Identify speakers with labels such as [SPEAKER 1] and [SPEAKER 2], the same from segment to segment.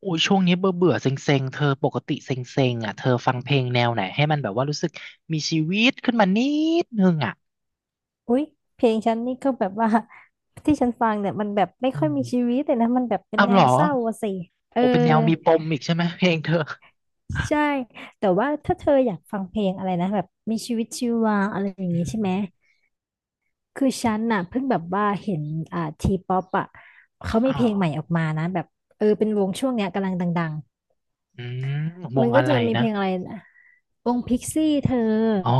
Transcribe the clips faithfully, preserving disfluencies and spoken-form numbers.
[SPEAKER 1] โอ้ยช่วงนี้เบื่อเบื่อเซ็งเซ็งๆเธอปกติเซ็งเซ็งอ่ะเธอฟังเพลงแนวไหนให้มันแบบว่ารู้สึกมีชีวิตขึ้นมานิดนึงอ่ะ
[SPEAKER 2] อุ๊ยเพลงฉันนี่ก็แบบว่า ที่ฉันฟังเนี่ยมันแบบไม่
[SPEAKER 1] อื
[SPEAKER 2] ค่อยมี
[SPEAKER 1] ม
[SPEAKER 2] ชีวิตเลยนะมันแบบเป็น
[SPEAKER 1] เอา
[SPEAKER 2] แน
[SPEAKER 1] เหร
[SPEAKER 2] ว
[SPEAKER 1] อ
[SPEAKER 2] เศร้าอะสิเออ
[SPEAKER 1] โอ้เป็นแนวมีปมอีกใช่ไหมเพลงเธอ
[SPEAKER 2] ใช่แต่ว่าถ้าเธออยากฟังเพลงอะไรนะแบบมีชีวิตชีวาอะไรอย่าง
[SPEAKER 1] อื
[SPEAKER 2] งี้
[SPEAKER 1] ม
[SPEAKER 2] ใช่ไหมคือฉันน่ะเพิ่งแบบว่าเห็นอ่าทีป๊อปอะเขา
[SPEAKER 1] อ๋
[SPEAKER 2] มี
[SPEAKER 1] อ
[SPEAKER 2] เพลงใหม่ออกมานะแบบเออเป็นวงช่วงเนี้ยกำลังดัง
[SPEAKER 1] อืมว
[SPEAKER 2] ๆมั
[SPEAKER 1] ง
[SPEAKER 2] นก็
[SPEAKER 1] อะไร
[SPEAKER 2] จะมี
[SPEAKER 1] นะ
[SPEAKER 2] เพลงอะไรนะวงพิกซี่เธอ
[SPEAKER 1] อ๋อ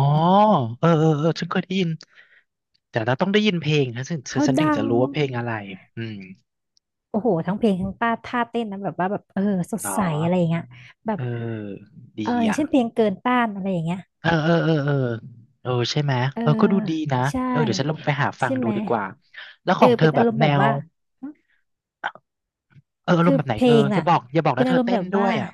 [SPEAKER 1] เออเออเออฉันเคยได้ยินแต่เราต้องได้ยินเพลงนะฉันฉัน
[SPEAKER 2] เขา
[SPEAKER 1] ฉันถึง
[SPEAKER 2] ดั
[SPEAKER 1] จะ
[SPEAKER 2] ง
[SPEAKER 1] รู้ว่าเพลงอะไรอืม
[SPEAKER 2] โอ้โหทั้งเพลงทั้งป้าท่าเต้นนะแบบว่าแบบเออสด
[SPEAKER 1] เหรอ
[SPEAKER 2] ใสอะไรอย่างเงี้ยแบ
[SPEAKER 1] เอ
[SPEAKER 2] บ
[SPEAKER 1] อดี
[SPEAKER 2] เอออย่าง
[SPEAKER 1] อ่ะ
[SPEAKER 2] เช่นเพลงเกินต้านอะไรอย่างเงี้ย
[SPEAKER 1] เออเออเออเออเออใช่ไหม
[SPEAKER 2] เออ
[SPEAKER 1] เออก็ดูดีนะ
[SPEAKER 2] ใช่
[SPEAKER 1] เออเดี๋ยวฉันลองไปหาฟัง
[SPEAKER 2] ใช่
[SPEAKER 1] ดู
[SPEAKER 2] ไหม
[SPEAKER 1] ดีกว่าแล้วข
[SPEAKER 2] เอ
[SPEAKER 1] อง
[SPEAKER 2] อ
[SPEAKER 1] เธอ
[SPEAKER 2] เป็น
[SPEAKER 1] แบ
[SPEAKER 2] อา
[SPEAKER 1] บ
[SPEAKER 2] รมณ์
[SPEAKER 1] แน
[SPEAKER 2] แบบ
[SPEAKER 1] ว
[SPEAKER 2] ว่าหึ
[SPEAKER 1] เอออารม
[SPEAKER 2] คื
[SPEAKER 1] ณ์
[SPEAKER 2] อ
[SPEAKER 1] แบบไหน
[SPEAKER 2] เพ
[SPEAKER 1] เธ
[SPEAKER 2] ล
[SPEAKER 1] อ
[SPEAKER 2] ง
[SPEAKER 1] อย่า
[SPEAKER 2] น่ะ
[SPEAKER 1] บอกอย่าบอก
[SPEAKER 2] เป็
[SPEAKER 1] นะ
[SPEAKER 2] น
[SPEAKER 1] เธ
[SPEAKER 2] อา
[SPEAKER 1] อ
[SPEAKER 2] รมณ์
[SPEAKER 1] เต้
[SPEAKER 2] แบ
[SPEAKER 1] น
[SPEAKER 2] บ
[SPEAKER 1] ด้ว
[SPEAKER 2] ว่า
[SPEAKER 1] ยอ่ะ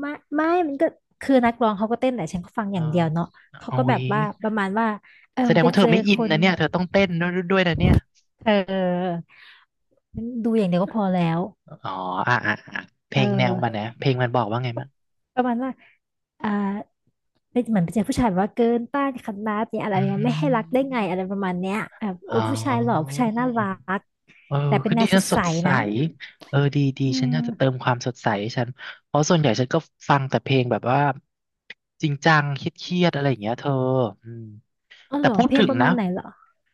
[SPEAKER 2] ไม่ไม่มันก็คือนักร้องเขาก็เต้นแหละฉันก็ฟัง
[SPEAKER 1] เอ
[SPEAKER 2] อ
[SPEAKER 1] อ
[SPEAKER 2] ย่างเดียวเนาะเขา
[SPEAKER 1] โอ้
[SPEAKER 2] ก็แบ
[SPEAKER 1] ย
[SPEAKER 2] บว่าประมาณว่าเออ
[SPEAKER 1] แสดง
[SPEAKER 2] ไป
[SPEAKER 1] ว่าเธ
[SPEAKER 2] เจ
[SPEAKER 1] อ
[SPEAKER 2] อ
[SPEAKER 1] ไม่อิ
[SPEAKER 2] ค
[SPEAKER 1] น
[SPEAKER 2] น
[SPEAKER 1] นะเนี่ยเธอต้องเต้นด้วยด้วยนะเนี่ย
[SPEAKER 2] เออดูอย่างเดียวก็พอแล้ว
[SPEAKER 1] อ๋ออ่ะอ่ะอ่ะเพ
[SPEAKER 2] เอ
[SPEAKER 1] ล
[SPEAKER 2] อ
[SPEAKER 1] งแนวมันนะเพลงมันบอกว่าไงมั้าง
[SPEAKER 2] ประมาณว่าอ่าเป็นเหมือนเป็นผู้ชายแบบว่าเกินต้านคณะเนี่ยอะไร
[SPEAKER 1] อื
[SPEAKER 2] เนี่ยไม่ให้รักได้ไงอะไร
[SPEAKER 1] ม
[SPEAKER 2] ประมาณเนี้ยแบบเอ
[SPEAKER 1] อ๋อ
[SPEAKER 2] อผู้ชายหล่อผู้ชายน่ารัก
[SPEAKER 1] เออ
[SPEAKER 2] แต่เป็
[SPEAKER 1] คื
[SPEAKER 2] น
[SPEAKER 1] อ
[SPEAKER 2] แน
[SPEAKER 1] ดี
[SPEAKER 2] วส
[SPEAKER 1] นะ
[SPEAKER 2] ด
[SPEAKER 1] ส
[SPEAKER 2] ใส
[SPEAKER 1] ดใส
[SPEAKER 2] นะ
[SPEAKER 1] เออดีดี
[SPEAKER 2] อื
[SPEAKER 1] ฉันอยาก
[SPEAKER 2] ม
[SPEAKER 1] จะเติมความสดใสให้ฉันเพราะส่วนใหญ่ฉันก็ฟังแต่เพลงแบบว่าจริงจังเครียดๆอะไรอย่างเงี้ยเธออืม
[SPEAKER 2] อ๋อ
[SPEAKER 1] แต่
[SPEAKER 2] เหรอ
[SPEAKER 1] พูด
[SPEAKER 2] เพลง
[SPEAKER 1] ถึง
[SPEAKER 2] ประ
[SPEAKER 1] นะ
[SPEAKER 2] มาณไหนเหรอ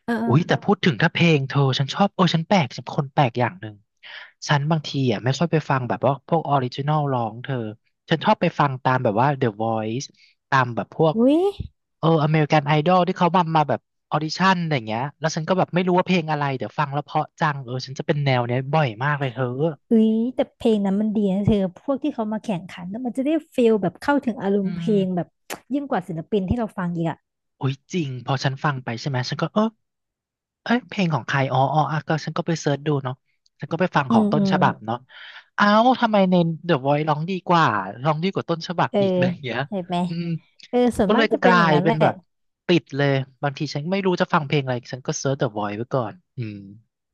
[SPEAKER 2] เออเออ
[SPEAKER 1] อุ้ยแต่พูดถึงถ้าเพลงเธอฉันชอบเออฉันแปลกฉันคนแปลกอย่างหนึ่งฉันบางทีอ่ะไม่ค่อยไปฟังแบบว่าพวกออริจินอลร้องเธอฉันชอบไปฟังตามแบบว่า The Voice ตามแบบพวก
[SPEAKER 2] อุ้ย
[SPEAKER 1] เอออเมริกันไอดอลที่เขามามาแบบออดิชั่นอะไรอย่างเงี้ยแล้วฉันก็แบบไม่รู้ว่าเพลงอะไรเดี๋ยวฟังแล้วเพราะจังเออฉันจะเป็นแนวเนี้ยบ่อยมากเลยเธอ
[SPEAKER 2] อุ้ยแต่เพลงนั้นมันดีนะเธอพวกที่เขามาแข่งขันแล้วมันจะได้ฟีลแบบเข้าถึงอาร
[SPEAKER 1] อื
[SPEAKER 2] มณ์เพ
[SPEAKER 1] ม
[SPEAKER 2] ลงแบบ ยิ่งกว่าศิลปินที่เราฟังอีกอ่ะ
[SPEAKER 1] โอ้ยจริงพอฉันฟังไปใช่ไหมฉันก็เออเอ้ยเพลงของใครอ๋ออ๋ออ่ะก็ฉันก็ไปเสิร์ชดูเนาะฉันก็ไปฟังข
[SPEAKER 2] อื
[SPEAKER 1] อง
[SPEAKER 2] ม
[SPEAKER 1] ต้น
[SPEAKER 2] อื
[SPEAKER 1] ฉ
[SPEAKER 2] ม
[SPEAKER 1] บับเนาะเอ้าทำไมใน The Voice ร้องดีกว่าร้องดีกว่าต้นฉบับ
[SPEAKER 2] เออ
[SPEAKER 1] อีกอะไรอย่างเงี้ย
[SPEAKER 2] เห็นไหม
[SPEAKER 1] อืม
[SPEAKER 2] เออส่วน
[SPEAKER 1] ก็เล
[SPEAKER 2] มาก
[SPEAKER 1] ย
[SPEAKER 2] จะ
[SPEAKER 1] ก
[SPEAKER 2] เป็น
[SPEAKER 1] ลา
[SPEAKER 2] อย่าง
[SPEAKER 1] ย
[SPEAKER 2] นั้น
[SPEAKER 1] เป็
[SPEAKER 2] แห
[SPEAKER 1] น
[SPEAKER 2] ละ
[SPEAKER 1] แบบติดเลยบางทีฉันไม่รู้จะฟังเพลงอะไรฉันก็เสิร์ช The Voice ไว้ก่อนอืม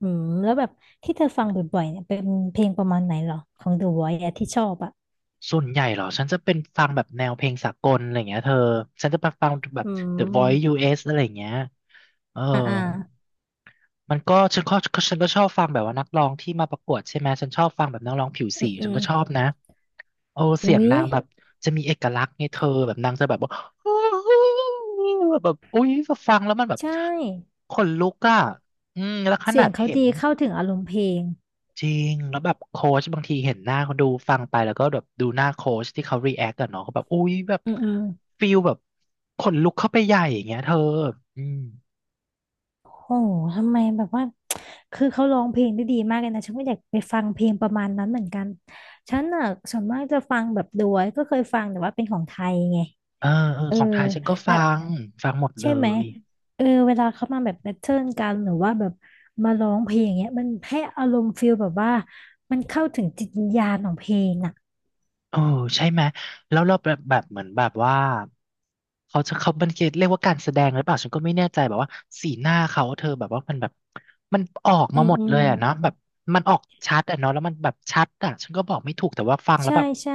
[SPEAKER 2] อืมแล้วแบบที่เธอฟังบ่อยๆเนี่ยเป็นเพลงประมาณไหนเหรอของ The Voice อะที่ชอบอ่ะ
[SPEAKER 1] ส่วนใหญ่เหรอฉันจะเป็นฟังแบบแนวเพลงสากลอะไรอย่างเงี้ยเธอฉันจะไปฟังแบบ
[SPEAKER 2] อื
[SPEAKER 1] The Voice
[SPEAKER 2] ม
[SPEAKER 1] ยู เอส อสอะไรอย่างเงี้ยเออ
[SPEAKER 2] อ่าอ่า
[SPEAKER 1] มันก็ฉันก็ฉันก็ชอบฟังแบบว่านักร้องที่มาประกวดใช่ไหมฉันชอบฟังแบบนักร้องผิว
[SPEAKER 2] อื
[SPEAKER 1] สี
[SPEAKER 2] มอื
[SPEAKER 1] ฉัน
[SPEAKER 2] ม
[SPEAKER 1] ก็ชอบนะโอ้เสีย
[SPEAKER 2] อุ๊
[SPEAKER 1] ง
[SPEAKER 2] ย
[SPEAKER 1] นางแบบจะมีเอกลักษณ์ไงเธอแบบนางจะแบบว่า แบบอุ้ยฟังแล้วมันแบบ
[SPEAKER 2] ใช่
[SPEAKER 1] ขนลุกอ่ะอืมแล้วข
[SPEAKER 2] เสี
[SPEAKER 1] นา
[SPEAKER 2] ยง
[SPEAKER 1] ด
[SPEAKER 2] เขา
[SPEAKER 1] เห็น
[SPEAKER 2] ดีเข้าถึงอารมณ์เพลง
[SPEAKER 1] จริงแล้วแบบโค้ชบางทีเห็นหน้าเขาดูฟังไปแล้วก็แบบดูหน้าโค้ชที่เขารีแอคกันเนาะเขาแบบอุ้ยแบบ
[SPEAKER 2] อืมอืม
[SPEAKER 1] ฟิลแบบขนลุกเข้าไปใหญ่อย่างเงี้ยเธออืม
[SPEAKER 2] โหทำไมแบบว่าคือเขาร้องเพลงได้ดีมากเลยนะฉันก็อยากไปฟังเพลงประมาณนั้นเหมือนกันฉันอ่ะส่วนมากจะฟังแบบด้วยก็เคยฟังแต่ว่าเป็นของไทยไง
[SPEAKER 1] เออเออ
[SPEAKER 2] เออ
[SPEAKER 1] ของไทยฉันก็
[SPEAKER 2] และ
[SPEAKER 1] ฟังฟังหมด
[SPEAKER 2] ใช่
[SPEAKER 1] เล
[SPEAKER 2] ไหม
[SPEAKER 1] ย
[SPEAKER 2] เออเวลาเขามาแบบแบทเทิลกันหรือว่าแบบมาร้องเพลงอย่างเงี้ยมันให้อารมณ์ฟิลแบบว่ามันเข้าถึงจิตวิญญาณของเพลงอ่ะ
[SPEAKER 1] เออใช่ไหมแล้วเราแบบแบบเหมือนแบบว่าเขาจะเขาบันเกตเรียกว่าการแสดงหรือเปล่าฉันก็ไม่แน่ใจแบบว่าสีหน้าเขาเธอแบบว่ามันแบบมันออก
[SPEAKER 2] อื
[SPEAKER 1] มา
[SPEAKER 2] ม
[SPEAKER 1] หมด
[SPEAKER 2] อื
[SPEAKER 1] เล
[SPEAKER 2] ม
[SPEAKER 1] ยอะเนาะแบบมันออกชัดอะเนาะแล้วมันแบบชัดอะฉันก็บอกไม่ถูกแต่ว่าฟังแล้ว
[SPEAKER 2] ใช่
[SPEAKER 1] แบบ
[SPEAKER 2] ใช่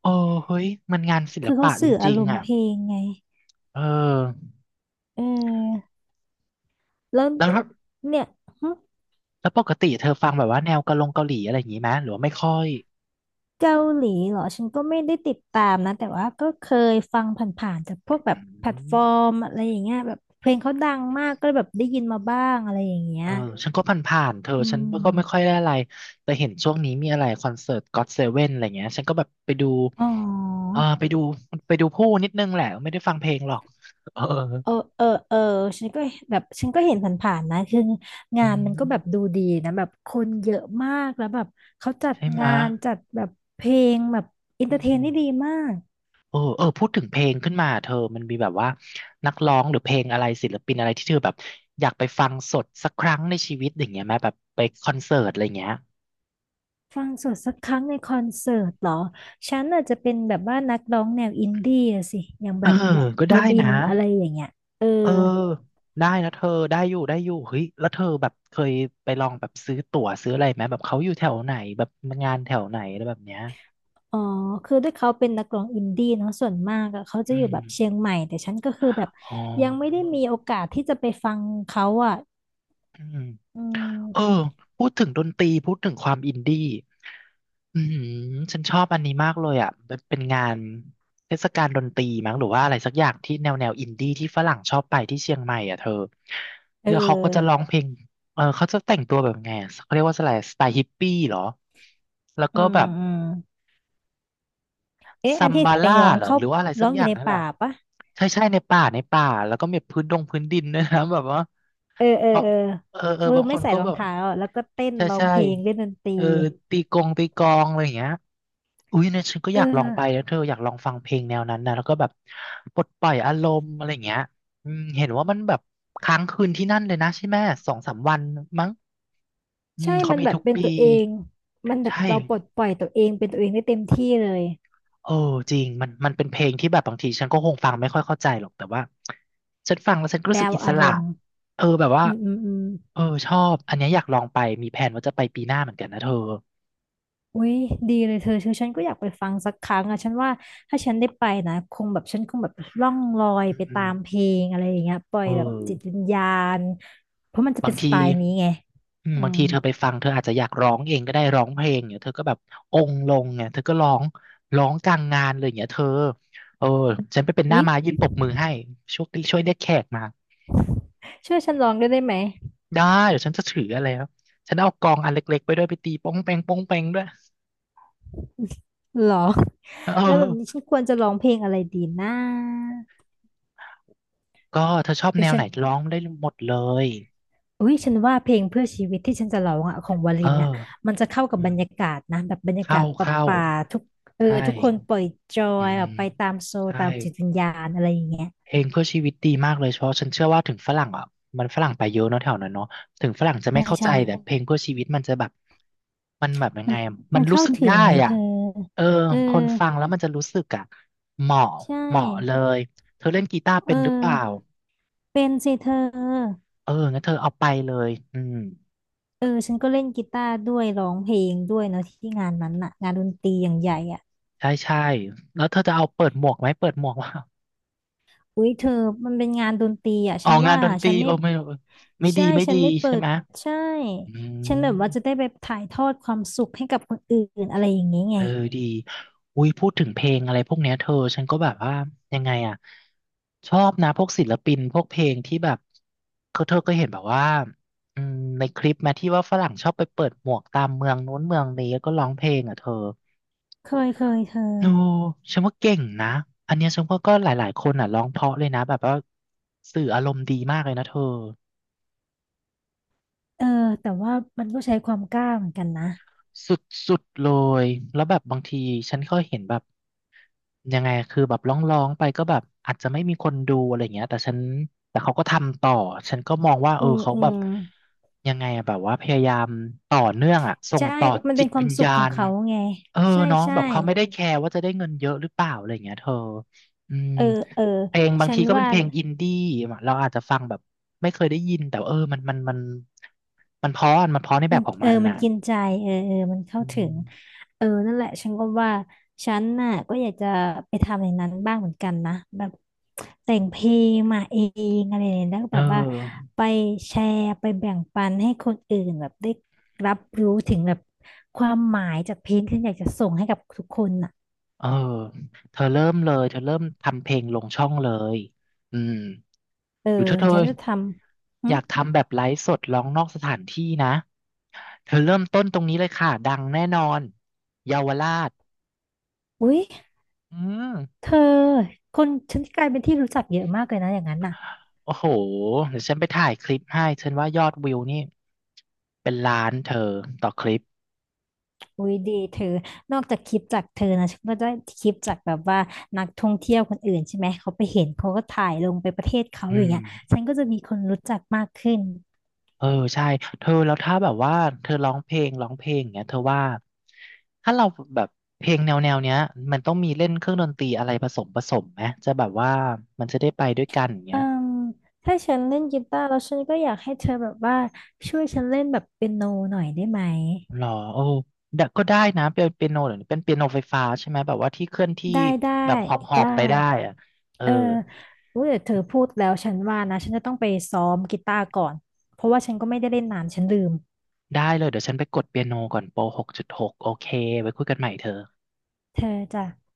[SPEAKER 1] เออเฮ้ยมันงานศิล
[SPEAKER 2] คือเขา
[SPEAKER 1] ปะจ
[SPEAKER 2] สื่ออา
[SPEAKER 1] ริง
[SPEAKER 2] รม
[SPEAKER 1] ๆ
[SPEAKER 2] ณ์
[SPEAKER 1] อะ
[SPEAKER 2] เพลงไง
[SPEAKER 1] เออ
[SPEAKER 2] เออแล้ว
[SPEAKER 1] แล้ว
[SPEAKER 2] เนี่ย
[SPEAKER 1] แล้วปกติเธอฟังแบบว่าแนวกะลงเกาหลีอะไรอย่างนี้ไหมหรือว่าไม่ค่อย
[SPEAKER 2] เกาหลีเหรอฉันก็ไม่ได้ติดตามนะแต่ว่าก็เคยฟังผ่านๆจากพวกแบ
[SPEAKER 1] อื
[SPEAKER 2] บแพลต
[SPEAKER 1] ม
[SPEAKER 2] ฟอร์มอะไรอย่างเงี้ยแบบเพลงเขาดังมากก็เลยแบบได้ยินมาบ้างอะไรอย่างเงี้
[SPEAKER 1] เอ
[SPEAKER 2] ย
[SPEAKER 1] อฉันก็ผ่านๆ เธอ
[SPEAKER 2] อื
[SPEAKER 1] ฉันก็
[SPEAKER 2] ม
[SPEAKER 1] ไม่ค่อยได้อะไรแต่เห็นช่วงนี้มีอะไรคอนเสิร์ตก็ t เซเว่นอะไรเงี้ยฉันก็แบบไปดู
[SPEAKER 2] อ๋อ
[SPEAKER 1] เออไปดูไปดูผู้นิดนึงแหละไม่ได้ฟังเพลงหรอกเออ
[SPEAKER 2] เออเออเออฉันก็แบบฉันก็เห็นผ่านๆนะคือ
[SPEAKER 1] อื
[SPEAKER 2] งานมันก็แบบ
[SPEAKER 1] ม
[SPEAKER 2] ดูดีนะแบบคนเยอะมากแล้วแบบเขาจัด
[SPEAKER 1] ใช่ไห
[SPEAKER 2] งา
[SPEAKER 1] มะ
[SPEAKER 2] นจัดแบบเพลงแบบอิน
[SPEAKER 1] อื
[SPEAKER 2] เตอร์เทน
[SPEAKER 1] ม
[SPEAKER 2] ได้ดีมาก
[SPEAKER 1] เออเออพูดถึงเพลงขึ้นมาเธอมันมีแบบว่านักร้องหรือเพลงอะไรศิลปินอะไรที่เธอแบบอยากไปฟังสดสักครั้งในชีวิตอย่างเงี้ยไหมแบบไปคอนเสิร์ตอะไรเงี้ย
[SPEAKER 2] ฟังสดสักครั้งในคอนเสิร์ตเหรอฉันอาจจะเป็นแบบว่านักร้องแนวอินดี้อะสิอย่าง
[SPEAKER 1] เอ
[SPEAKER 2] แบ
[SPEAKER 1] อ
[SPEAKER 2] บ
[SPEAKER 1] ก็
[SPEAKER 2] ว
[SPEAKER 1] ได้
[SPEAKER 2] ลิ
[SPEAKER 1] นะ
[SPEAKER 2] นอะไรอย่างเงี้ยเออ
[SPEAKER 1] เออได้นะเธอได้อยู่ได้อยู่เฮ้ยแล้วเธอแบบเคยไปลองแบบซื้อตั๋วซื้ออะไรไหมแบบเขาอยู่แถวไหนแบบงานแถวไหนอะไรแบบเนี้ย
[SPEAKER 2] อ๋อคือด้วยเขาเป็นนักร้องอินดี้เนาะส่วนมากอะเขาจะ
[SPEAKER 1] อื
[SPEAKER 2] อยู่
[SPEAKER 1] ม
[SPEAKER 2] แบบเชียงใหม่แต่ฉันก็คือแบบ
[SPEAKER 1] อ๋อ
[SPEAKER 2] ยังไม่ได้มีโอกาสที่จะไปฟังเขาอะ
[SPEAKER 1] อืม
[SPEAKER 2] อื
[SPEAKER 1] เออ
[SPEAKER 2] ม
[SPEAKER 1] พูดถึงดนตรีพูดถึงความอินดี้อืมฉันชอบอันนี้มากเลยอ่ะเป็นเป็นงานเทศกาลดนตรีมั้งหรือว่าอะไรสักอย่างที่แนวแนวอินดี้ที่ฝรั่งชอบไปที่เชียงใหม่อ่ะเธอ
[SPEAKER 2] เออ
[SPEAKER 1] แล้วเขาก็จะร้องเพลงเออเขาจะแต่งตัวแบบไงอะเขาเรียกว่าอะไรสไตล์ฮิปปี้เหรอแล้ว
[SPEAKER 2] อื
[SPEAKER 1] ก็แบ
[SPEAKER 2] ม
[SPEAKER 1] บ
[SPEAKER 2] อืมเอ๊ะ
[SPEAKER 1] ซั
[SPEAKER 2] อัน
[SPEAKER 1] ม
[SPEAKER 2] ที่
[SPEAKER 1] บา
[SPEAKER 2] ไป
[SPEAKER 1] ล่า
[SPEAKER 2] ร้อง
[SPEAKER 1] เหรอ
[SPEAKER 2] เข้า
[SPEAKER 1] หรือว่าอะไรสั
[SPEAKER 2] ร้
[SPEAKER 1] ก
[SPEAKER 2] อง
[SPEAKER 1] อ
[SPEAKER 2] อ
[SPEAKER 1] ย่า
[SPEAKER 2] ยู่
[SPEAKER 1] ง
[SPEAKER 2] ใน
[SPEAKER 1] นั่นแหละ
[SPEAKER 2] ป่าปะ
[SPEAKER 1] ใช่ใช่ในป่าในป่าแล้วก็มีพื้นดงพื้นดินด้วยนะแบบว่า
[SPEAKER 2] เออเออ
[SPEAKER 1] เออ
[SPEAKER 2] เออ
[SPEAKER 1] เออเออ
[SPEAKER 2] คือ
[SPEAKER 1] บางค
[SPEAKER 2] ไม่
[SPEAKER 1] น
[SPEAKER 2] ใส่
[SPEAKER 1] ก็
[SPEAKER 2] รอ
[SPEAKER 1] แบ
[SPEAKER 2] ง
[SPEAKER 1] บ
[SPEAKER 2] เท้าอะแล้วก็เต้น
[SPEAKER 1] ใช่
[SPEAKER 2] ร้อง
[SPEAKER 1] ใช่
[SPEAKER 2] เพลงเล่นดนตรี
[SPEAKER 1] เออตีกงตีกลองอะไรอย่างเงี้ยอุ้ยเนี่ยฉันก็อ
[SPEAKER 2] เอ
[SPEAKER 1] ยากลองไป
[SPEAKER 2] อ
[SPEAKER 1] นะเธออยากลองฟังเพลงแนวนั้นนะแล้วก็แบบปลดปล่อยอารมณ์อะไรอย่างเงี้ยอืมเห็นว่ามันแบบค้างคืนที่นั่นเลยนะใช่ไหมสองสามวันมั้งอืม
[SPEAKER 2] ใช่
[SPEAKER 1] เขา
[SPEAKER 2] มัน
[SPEAKER 1] มี
[SPEAKER 2] แบบ
[SPEAKER 1] ทุก
[SPEAKER 2] เป็น
[SPEAKER 1] ปี
[SPEAKER 2] ตัวเองมันแบบ
[SPEAKER 1] ใช่
[SPEAKER 2] เราปลดปล่อยตัวเองเป็นตัวเองได้เต็มที่เลย
[SPEAKER 1] เออจริงมันมันเป็นเพลงที่แบบบางทีฉันก็คงฟังไม่ค่อยเข้าใจหรอกแต่ว่าฉันฟังแล้วฉันก็
[SPEAKER 2] แป
[SPEAKER 1] รู้
[SPEAKER 2] ล
[SPEAKER 1] สึก
[SPEAKER 2] ว
[SPEAKER 1] อิส
[SPEAKER 2] อาร
[SPEAKER 1] ระ
[SPEAKER 2] มณ์
[SPEAKER 1] เออแบบว่า
[SPEAKER 2] อืมอืมอืม
[SPEAKER 1] เออชอบอันเนี้ยอยากลองไปมีแผนว่าจะไปปีหน้าเหมือนกันนะเธอ
[SPEAKER 2] อุ้ยดีเลยเธอชือฉันก็อยากไปฟังสักครั้งอะฉันว่าถ้าฉันได้ไปนะคงแบบฉันคงแบบล่องลอย
[SPEAKER 1] อื
[SPEAKER 2] ไปตาม
[SPEAKER 1] ม
[SPEAKER 2] เพลงอะไรอย่างเงี้ยปล่อ
[SPEAKER 1] เอ
[SPEAKER 2] ยแบบจิตวิ
[SPEAKER 1] อ
[SPEAKER 2] ญญาณเพราะมันจะ
[SPEAKER 1] บา
[SPEAKER 2] เป็
[SPEAKER 1] ง
[SPEAKER 2] นส
[SPEAKER 1] ที
[SPEAKER 2] ไตล์นี้ไง
[SPEAKER 1] อืม
[SPEAKER 2] อื
[SPEAKER 1] บาง
[SPEAKER 2] ม
[SPEAKER 1] ทีเธอไปฟังเธออาจจะอยากร้องเองก็ได้ร้องเพลงเนี่ยเธอก็แบบองค์ลงเนี่ยเธอก็ร้องร้องกลางงานเลยเนี่ยเธอเออฉันไปเป็นหน้า
[SPEAKER 2] อุ้ย
[SPEAKER 1] ม้ายืนปรบมือให้ช่วยช่วยเรียกแขกมา
[SPEAKER 2] ช่วยฉันร้องด้วยได้ไหม
[SPEAKER 1] ได้เดี๋ยวฉันจะถืออะไรแล้วฉันเอากลองอันเล็กๆไปด้วยไปตีป้องแปงป้องแปงด้วย
[SPEAKER 2] หรอ
[SPEAKER 1] เ
[SPEAKER 2] แล้วแบบนี้
[SPEAKER 1] ออ
[SPEAKER 2] ฉันควรจะร้องเพลงอะไรดีนะ
[SPEAKER 1] ก็เธอชอบ
[SPEAKER 2] หรื
[SPEAKER 1] แน
[SPEAKER 2] อ
[SPEAKER 1] ว
[SPEAKER 2] ฉั
[SPEAKER 1] ไหน
[SPEAKER 2] น
[SPEAKER 1] ร้องได้หมดเลย
[SPEAKER 2] อุ้ยฉันว่าเพลงเพื่อชีวิตที่ฉันจะร้องอ่ะของวลิ
[SPEAKER 1] เออ
[SPEAKER 2] นอ่ะมันจะเข้ากับ
[SPEAKER 1] อื
[SPEAKER 2] บร
[SPEAKER 1] ม
[SPEAKER 2] รยากาศนะแบบบรรยากา
[SPEAKER 1] เข้า
[SPEAKER 2] ศ
[SPEAKER 1] เข้า
[SPEAKER 2] ป่าๆทุกเออ
[SPEAKER 1] ใช่
[SPEAKER 2] ทุกคนปล่อยจอ
[SPEAKER 1] อื
[SPEAKER 2] ย
[SPEAKER 1] ม
[SPEAKER 2] แบบไปตามโซล
[SPEAKER 1] ใช่
[SPEAKER 2] ตามจิตวิญญาณอะไรอย่างเงี้ย
[SPEAKER 1] เพลงเพื่อชีวิตดีมากเลยเพราะฉันเชื่อว่าถึงฝรั่งอ่ะมันฝรั่งไปเยอะเนอะแถวนั้นเนาะถึงฝรั่งจะไม่
[SPEAKER 2] ใช่
[SPEAKER 1] เข้าใจ
[SPEAKER 2] ใช่
[SPEAKER 1] แต่เพลงเพื่อชีวิตมันจะแบบมันแบบยัง
[SPEAKER 2] มั
[SPEAKER 1] ไง
[SPEAKER 2] น
[SPEAKER 1] อะมัน
[SPEAKER 2] มัน
[SPEAKER 1] รู้
[SPEAKER 2] เข้า
[SPEAKER 1] สึก
[SPEAKER 2] ถึ
[SPEAKER 1] ได้
[SPEAKER 2] งไงเธ
[SPEAKER 1] อ่ะ
[SPEAKER 2] อ
[SPEAKER 1] เออ
[SPEAKER 2] เออ
[SPEAKER 1] คนฟังแล้วมันจะรู้สึกอ่ะเหมาะ
[SPEAKER 2] ใช่
[SPEAKER 1] เหมาะเลยเธอเล่นกีตาร์เป็
[SPEAKER 2] เอ
[SPEAKER 1] นหรือเปล่า
[SPEAKER 2] อเป็นสิเธอ
[SPEAKER 1] เอองั้นเธอเอาไปเลยอืม
[SPEAKER 2] เออฉันก็เล่นกีตาร์ด้วยร้องเพลงด้วยเนาะที่งานนั้นน่ะงานดนตรีอย่างใหญ่อ่ะ
[SPEAKER 1] ใช่ใช่แล้วเธอจะเอาเปิดหมวกไหมเปิดหมวกว่า
[SPEAKER 2] อุ๊ยเธอมันเป็นงานดนตรีอ่ะ
[SPEAKER 1] อ
[SPEAKER 2] ฉั
[SPEAKER 1] อ
[SPEAKER 2] น
[SPEAKER 1] กงาน
[SPEAKER 2] ว่า
[SPEAKER 1] ดนตรี
[SPEAKER 2] ฉัน
[SPEAKER 1] โอ
[SPEAKER 2] ไม่
[SPEAKER 1] ไม่อไม่ดี
[SPEAKER 2] ใช่
[SPEAKER 1] ไม่
[SPEAKER 2] ฉั
[SPEAKER 1] ดี
[SPEAKER 2] นไม่เปิ
[SPEAKER 1] ใช่
[SPEAKER 2] ด
[SPEAKER 1] ไหม
[SPEAKER 2] ใช่
[SPEAKER 1] อื
[SPEAKER 2] ฉัน
[SPEAKER 1] ม
[SPEAKER 2] แบบว่าจะได้ไปถ่ายทอดความสุขให้กับคนอื่นอะไรอย่างนี้
[SPEAKER 1] เอ
[SPEAKER 2] ไง
[SPEAKER 1] อดีอุ้ยพูดถึงเพลงอะไรพวกเนี้ยเธอฉันก็แบบว่ายังไงอ่ะชอบนะพวกศิลปินพวกเพลงที่แบบเขาเธอก็เห็นแบบว่าอืมในคลิปแมที่ว่าฝรั่งชอบไปเปิดหมวกตามเมืองนู้นเมืองนี้แล้วก็ร้องเพลงอ่ะเธอ
[SPEAKER 2] เคยเคยเธอ
[SPEAKER 1] โอ้ฉันว่าเก่งนะ อันเนี้ยฉันว่าก็หลายๆ คนอ่ะร้องเพราะเลยนะแบบว่าสื่ออารมณ์ดีมากเลยนะเธอ
[SPEAKER 2] เออแต่ว่ามันก็ใช้ความกล้าเหมือนกันนะ
[SPEAKER 1] สุดๆเลย แล้วแบบบางทีฉันก็เห็นแบบยังไงคือแบบร้องๆไปก็แบบอาจจะไม่มีคนดูอะไรอย่างเงี้ยแต่ฉันแต่เขาก็ทำต่อ ฉันก็มองว่าเอ
[SPEAKER 2] อื
[SPEAKER 1] อ
[SPEAKER 2] ม
[SPEAKER 1] เขา
[SPEAKER 2] อื
[SPEAKER 1] แบบ
[SPEAKER 2] ม
[SPEAKER 1] ยังไงอะแบบว่าพยายามต่อเนื่องอะส่ง
[SPEAKER 2] ใช่
[SPEAKER 1] ต่อ
[SPEAKER 2] มัน
[SPEAKER 1] จิ
[SPEAKER 2] เป็
[SPEAKER 1] ต
[SPEAKER 2] นควา
[SPEAKER 1] วิ
[SPEAKER 2] ม
[SPEAKER 1] ญ
[SPEAKER 2] สุ
[SPEAKER 1] ญา
[SPEAKER 2] ขของ
[SPEAKER 1] ณ
[SPEAKER 2] เขาไง
[SPEAKER 1] เออ
[SPEAKER 2] ใช่
[SPEAKER 1] เน้อง
[SPEAKER 2] ใช่
[SPEAKER 1] แบบเขาไม่ได้แคร์ว่าจะได้เงินเยอะหรือเปล่าอะไรอย่างเงี้ยเธออืม
[SPEAKER 2] เออเออ
[SPEAKER 1] เพลงบาง
[SPEAKER 2] ฉั
[SPEAKER 1] ที
[SPEAKER 2] น
[SPEAKER 1] ก็เป็น
[SPEAKER 2] ว่า
[SPEAKER 1] เพลงอินดี้เราอาจจะฟังแบบไม่เคยได้ยินแต่ว่าเออมันมันมันมันเพราะอะมันเพราะในแบ
[SPEAKER 2] มัน
[SPEAKER 1] บของ
[SPEAKER 2] เออ
[SPEAKER 1] มัน
[SPEAKER 2] มัน
[SPEAKER 1] น่ะ
[SPEAKER 2] กินใจเออเออมันเข้า
[SPEAKER 1] อื
[SPEAKER 2] ถึง
[SPEAKER 1] ม
[SPEAKER 2] เออนั่นแหละฉันก็ว่าฉันน่ะก็อยากจะไปทำอย่างนั้นบ้างเหมือนกันนะแบบแต่งเพลงมาเองอะไรอย่างเงี้ยแล้วก็
[SPEAKER 1] เอ
[SPEAKER 2] แบบว่า
[SPEAKER 1] อ
[SPEAKER 2] ไปแชร์ไปแบ่งปันให้คนอื่นแบบได้รับรู้ถึงแบบความหมายจากเพลงที่อยากจะส่งให้กับทุกคนน่ะ
[SPEAKER 1] เออ เธอเริ่มเลย เธอเริ่มทำเพลงลงช่องเลยอืม
[SPEAKER 2] เออ
[SPEAKER 1] หรือถ้าเธอ
[SPEAKER 2] ฉันจะทำหึ
[SPEAKER 1] อยากทำแบบไลฟ์สดร้องนอกสถานที่นะ เธอเริ่มต้นตรงนี้เลยค่ะ ดังแน่นอนเยาวราช
[SPEAKER 2] อุ๊ย
[SPEAKER 1] อืม
[SPEAKER 2] เธอคนฉันกลายเป็นที่รู้จักเยอะมากเลยนะอย่างนั้นน่ะ
[SPEAKER 1] โอ้โหเดี๋ยวฉันไปถ่ายคลิปให้ฉันว่ายอดวิวนี่เป็นล้านเธอต่อคลิป
[SPEAKER 2] อุ้ยดีเธอนอกจากคลิปจากเธอนะฉันก็ได้คลิปจากแบบว่านักท่องเที่ยวคนอื่นใช่ไหมเขาไปเห็นเขาก็ถ่ายลงไปประเทศเขา
[SPEAKER 1] อื
[SPEAKER 2] อย่าง
[SPEAKER 1] ม
[SPEAKER 2] เงี้ยฉันก็จะมีคนรู้จักมากขึ้น
[SPEAKER 1] เออใช่เธอแล้วถ้าแบบว่าเธอร้องเพลงร้องเพลงอย่างเงี้ยเธอว่าถ้าเราแบบเพลงแนวแนวเนี้ยมันต้องมีเล่นเครื่องดนตรีอะไรผสมผสมไหมจะแบบว่ามันจะได้ไปด้วยกันอย่างเงี้
[SPEAKER 2] เอ่
[SPEAKER 1] ย
[SPEAKER 2] มถ้าฉันเล่นกีตาร์แล้วฉันก็อยากให้เธอแบบว่าช่วยฉันเล่นแบบเปียโนหน่อยได้ไหม
[SPEAKER 1] หรอโอ้ดะก็ได้นะเป็นเปียโนหรือเป็นเปียโนไฟฟ้าใช่ไหมแบบว่าที่เคลื่อนที่
[SPEAKER 2] ได้ได้
[SPEAKER 1] แบบหอบหอบ
[SPEAKER 2] ได้
[SPEAKER 1] ไปได้อะเออ
[SPEAKER 2] เอออุ้ยเดี๋ยวเธอพูดแล้วฉันว่านะฉันจะต้องไปซ้อมกีตาร์ก่อนเพราะว่าฉันก็ไม่ได้เล่นนานฉันลืม
[SPEAKER 1] ได้เลยเดี๋ยวฉันไปกดเปียโนก่อนโปรหกจุดหกโอเคไว้คุยกันใหม่เธอ
[SPEAKER 2] เธอจ้ะ